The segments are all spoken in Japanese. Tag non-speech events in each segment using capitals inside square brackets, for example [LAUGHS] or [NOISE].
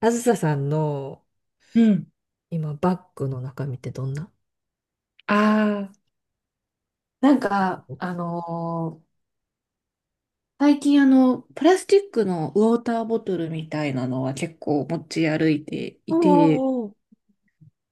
あずささんのうん。今バッグの中身ってどんな？ああ、なんか、おう、最近プラスチックのウォーターボトルみたいなのは結構持ち歩いておいて、う、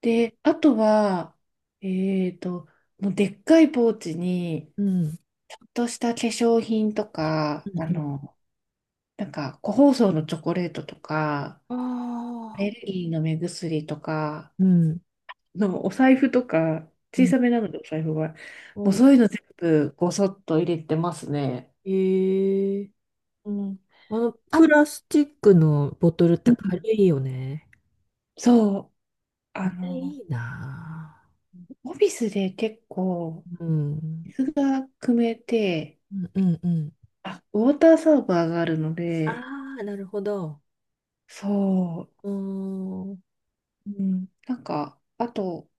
で、あとは、えっと、もうでっかいポーチに、うん。ちょっとした化粧品とか、うん、なんか、個包装のチョコレートとか、アあレルギーの目薬とか、あー、うん。のお財布とか、う小ん、さめなのでお財布は、もうお、そういうの全部ごそっと入れてますね。ええ、うん。あ、プラスチックのボトルっうてん。軽いよね。そう、ああれいの、いなオフィスで結構、ぁ。うん。水が汲めて、うんうんうん。あ、ウォーターサーバーがあるので、ああ、なるほど。そうーん。うんう、うん、なんか、あと、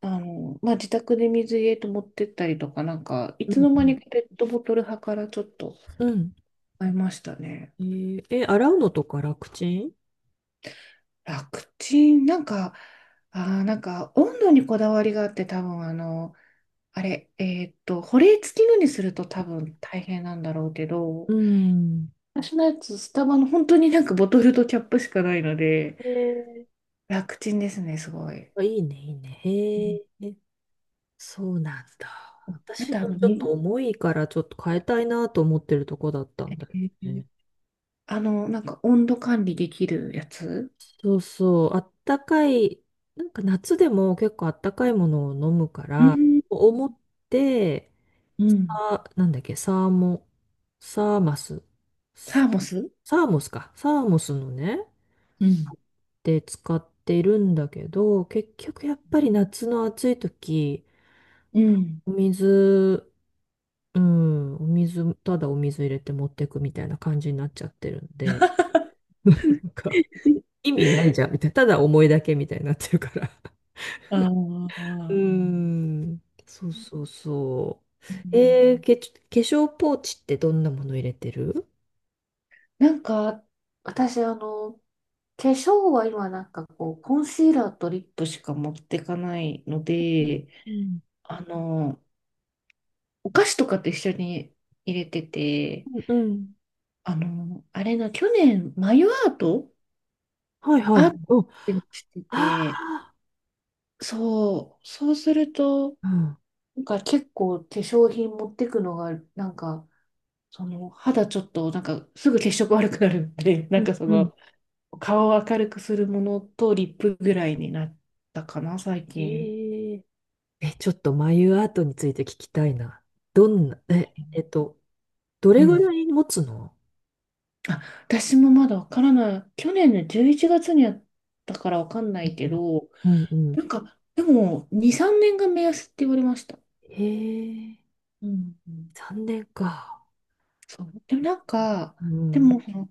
まあ、自宅で水入れと持ってったりとか、なんか、いうつの間んにかペットボトル派からちょっとうん。買いましたね。ええ、洗うのとか楽ちん？楽ちん、なんか、なんか、温度にこだわりがあって、多分あの、あれ、えーっと、保冷付きのにすると多分大変なんだろうけうど、ん。私のやつ、スタバの本当になんかボトルとキャップしかないので、ええ、楽ちんですね、すごい。あ、いいね、いいね。うへん、え。そうなんだ。あ私と、のちょっと水、重いからちょっと変えたいなと思ってるとこだったえんだよーね。なんか温度管理できるやつ。そうそう、あったかい、なんか夏でも結構あったかいものを飲むかうら、ん、思って、うん。さ、なんだっけ、サーモ、サーマス、サーモス。サーモスか、サーモスのね、うん。で使っているんだけど、結局やっぱり夏の暑い時、うん。お水、うん、お水、ただお水入れて持ってくみたいな感じになっちゃってるんで、[LAUGHS] なんか意味ないじゃんみたいな、ただ思いだけみたいになってるから。あうーあ、ん、そうそうそうう。ん。化粧ポーチってどんなもの入れてる？なんか、私、化粧は今、なんかこう、コンシーラーとリップしか持ってかないので、うん。あの、お菓子とかと一緒に入れてて、うんうん。あの、あれな去年、眉アートはいはいアはーい。うん。トもしてあて、そう、そうすると、あ。うんなんか結構化粧品持ってくのが、なんか、その肌ちょっと、なんかすぐ血色悪くなるんで、[LAUGHS] なうんん。かそうん。の、顔を明るくするものとリップぐらいになったかな、最え近。ー、ちょっと眉アートについて聞きたいな。どんな、え、えっと、どうれぐん。らい持つの？あ、私もまだわからない。去年の11月にやったからわかんないけど、うんうんうん。なんか、でも、2、3年が目安って言われました。へえ、うん。3年か。そう。でもなんか、うでん。も、その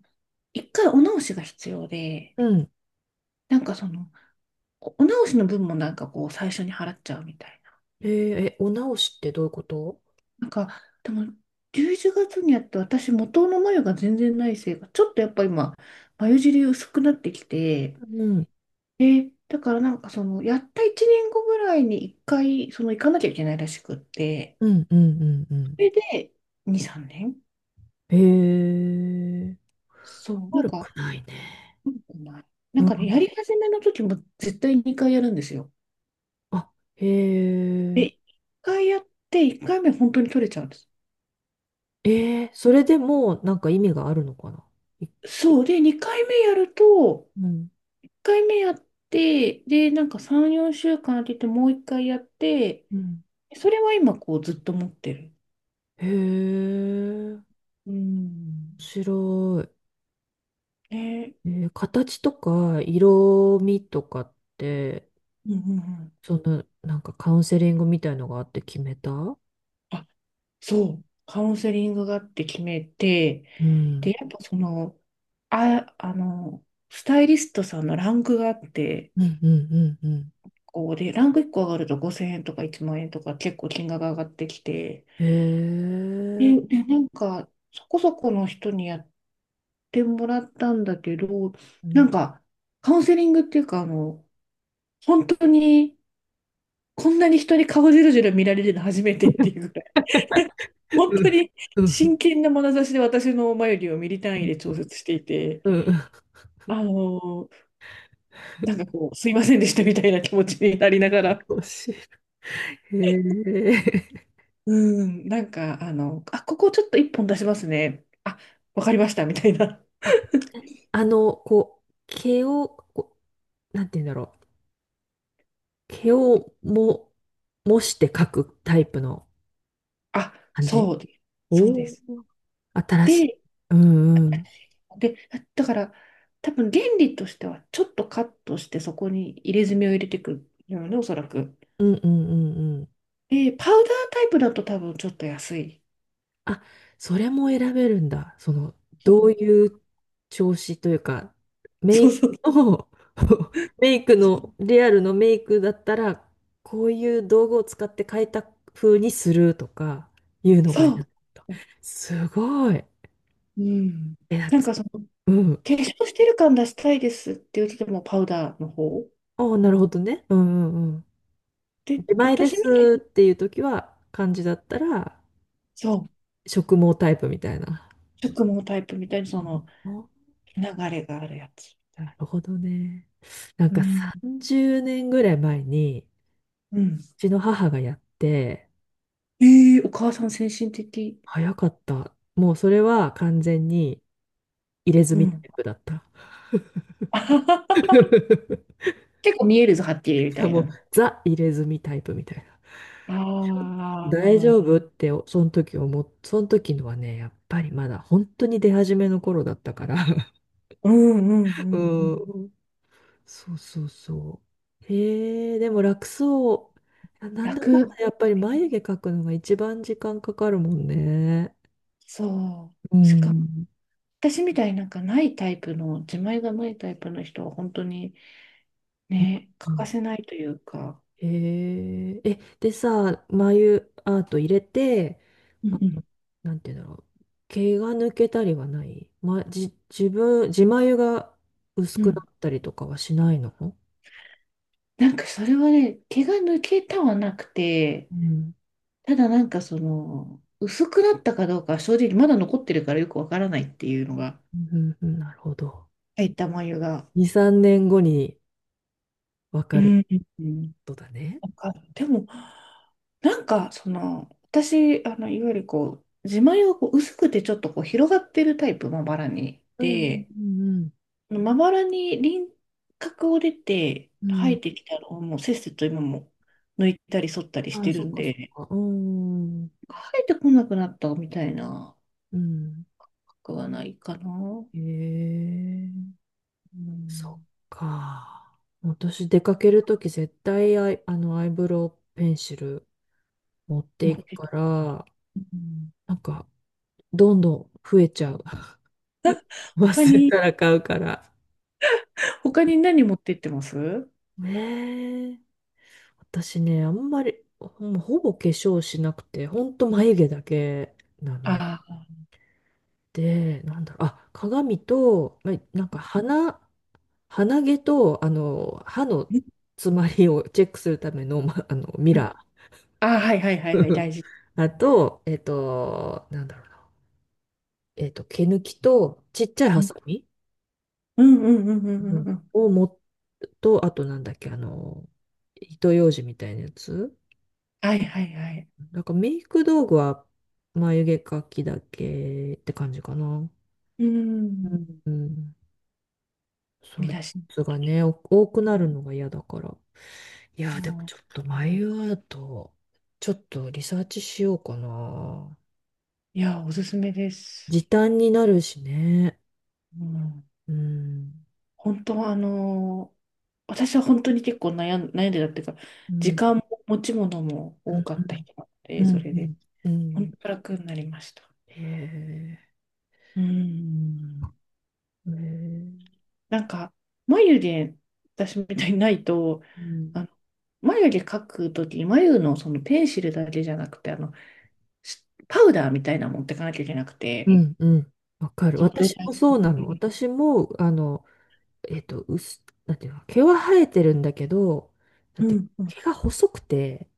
一回お直しが必要で、うん。なんかその、お直しの分もなんかこう、最初に払っちゃうみたいな。えーえ、お直しってどういうこと？なんか、でも、11月にやって私、元の眉が全然ないせいか、ちょっとやっぱ今、眉尻薄くなってきて、うん。で、だからなんかその、やった1年後ぐらいに一回、その、行かなきゃいけないらしくって、うん。うん。うん。うそん。れで、2、3年。へえ、そう、なん悪か、くないね。うなんかね、ん、やり始めの時も絶対2回やるんですよ。あ、へで、え、一回やって、一回目本当に取れちゃうんです。それでもうなんか意味があるのかない？そう。で、2回目やると、うん一回目やって、で、なんか3、4週間空けて、もう一回やって、うん。それは今、こう、ずっと持ってる。へえ、面うん。白ね。い。形とか色味とかって、うんうんうん。そのなんかカウンセリングみたいのがあって決めた？あ、そう。カウンセリングがあって決めて、うで、んやっぱその、あ、スタイリストさんのランクがあって、うんうんうんうん。こうで、ランク1個上がると5000円とか1万円とか結構金額が上がってきて、へえ。で、なんか、そこそこの人にやってもらったんだけど、うなん。んか、カウンセリングっていうか、本当に、こんなに人に顔じろじろ見られるの初めてっていうぐらい、[LAUGHS] 本当にうん。真剣な眼差しで私の眉毛をミリ単位で調節していて、うん。あの、なんかこう、すいませんでしたみたいな気持ちになりながら、面白い。へえ。うん、なんか、あ、ここちょっと1本出しますね。あ、わかりました、みたいな。あ、こう、毛を、こう、なんて言うんだろう。毛をも、模して描くタイプのあ、感じ？そうで、そうでおおす。ー、新しい。でうんうん。で、だから多分原理としてはちょっとカットしてそこに入れ墨を入れていくるよね、おそらく。うんうんうんうん。で、パウダータイプだと多分ちょっと安い。あ、それも選べるんだ。その、うどうん。いう調子というか、メそイうそう。クの、[LAUGHS] メイクの、リアルのメイクだったら、こういう道具を使って変えた風にするとか、いうのが選そべう。ると。すごい。うん。なんなか、んかその、化うん。粧してる感出したいですって言っててもパウダーの方。ああ、なるほどね。うんうんうん。で、自前で私みたいに、すっていう時は、漢字だったら、そ植毛タイプみたいな。う、植毛タイプみたいにそのお、流れがあるやつ。なるほどね。なんうかん。30年ぐらい前に、うん。ちの母がやって、えー、お母さん先進的。早かった。もうそれは完全に入れう墨タん。イプだった。[LAUGHS] [LAUGHS] 結構見えるぞ、はっきりみしたかいもうな。ザ入れ墨タイプみたいな。あ大あ、丈夫ってその時思っ、その時のはね、やっぱりまだ本当に出始めの頃だったから。うんうん [LAUGHS] うんうん。うん。そうそうそう。へえ、でも楽そう。なんだかん楽。だやっぱり眉毛描くのが一番時間かかるもんね。そうう。しかも、ん。私みたいになんかないタイプの、自前がないタイプの人は本当にね、う欠かん。せないというか、へえ、でさ、眉アート入れて、うんあうの、んなんていうんだろう、毛が抜けたりはない、ま、じ、自分、自眉が薄うくなん。ったりとかはしないの？うん。なんかそれはね、毛が抜けたはなくて、ただなんかその、薄くなったかどうかは正直まだ残ってるからよくわからないっていうのが、うんうんうん、なるほど。入った眉が。2、3年後にわうかるん。ことだね。なんか、でも、なんか、その、私、いわゆるこう、自前がこう薄くてちょっとこう広がってるタイプ、まばらに。うんで、うんまばらに輪郭を出てうんうん。う生えん。てきたのをもうせっせと今も抜いたり剃ったりしああ、てそるっんかそっで、か。うん。生えてこなくなったみたいなうん。角はないかな。へえ。うそっん。か。私出かけるとき絶対アイブロウペンシル持って持いっくて、から、うん、なんかどんどん増えちゃう。[LAUGHS] 他忘れに、たら買うから。他に何持ってってます？ねえ。私ね、あんまりほぼ化粧しなくて、ほんと眉毛だけなのああで、なんだろう、あ、鏡と、なんか鼻、鼻毛と、歯のー、詰まりをチェックするための、ミラあー、はいはいはいはい、ー。大事。あと、なんだろうな。毛抜きと、ちっちゃいハサミ、うんうんうんううんうんんうん。を持っと、あとなんだっけ、糸ようじみたいなやつ。はいはいはい。なんかメイク道具は眉毛描きだけって感じかな。ううん。ん。うん。そ見ういう出し。やつがね、多くなるのが嫌だから。いやー、でももちょっと眉アート、ちょっとリサーチしようかな。ういや、おすすめです。時短になるしね。うん。うん。本当は私は本当に結構悩んでたっていうか、う時ん。間も持ち物もう多んかった人なのうで、それで、んうんう本ん。当楽になりました。へえ、うん。へえ、うなんか、眉毛、私みたいにないと、ん。あの眉毛描くときに、眉のそのペンシルだけじゃなくて、パウダーみたいなの持ってかなきゃいけなくうて、んうん。わかる。そのドラ私もイそうクなリの。ーム。私も、なんていうの、毛は生えてるんだけど、なうんて、んうん。毛が細くて、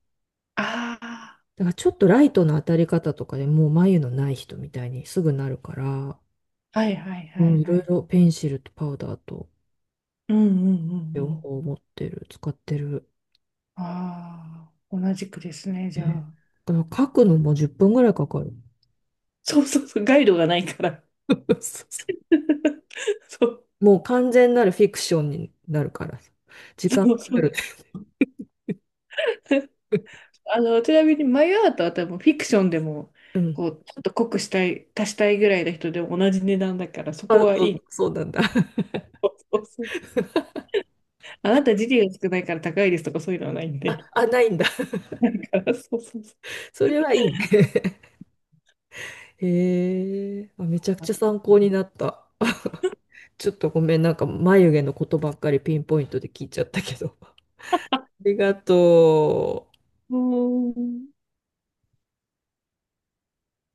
あだからちょっとライトの当たり方とかでもう眉のない人みたいにすぐなるから、あ、はいはいうはん、いいはろいい。ろペンシルとパウダーとうんうんう両んうん。方持ってる、使ってる。ああ、同じくですね、うじゃん、あ。だから書くのも10分ぐらいかかる。そうそうそう、ガイドがないから。[LAUGHS] [LAUGHS] そうもう完全なるフィクションになるからさ。時間かそうそかう。る。[LAUGHS] ちなみにマイアートは多分フィクションでも、うん。こう、ちょっと濃くしたい、足したいぐらいの人でも同じ値段だから、そあ、こはいそう、い。そうなんだ。そうそうそう。[LAUGHS] あなた時給が少ないから高いですとかそういうのはないんあ、で。あ、ないんだ。[LAUGHS] だからそうそうそそれはいいね。[LAUGHS] へえ、あ、めちゃくう。ちゃ参考になった。ちょっとごめん、なんか眉毛のことばっかりピンポイントで聞いちゃったけど。[LAUGHS] ありがとう。うーん。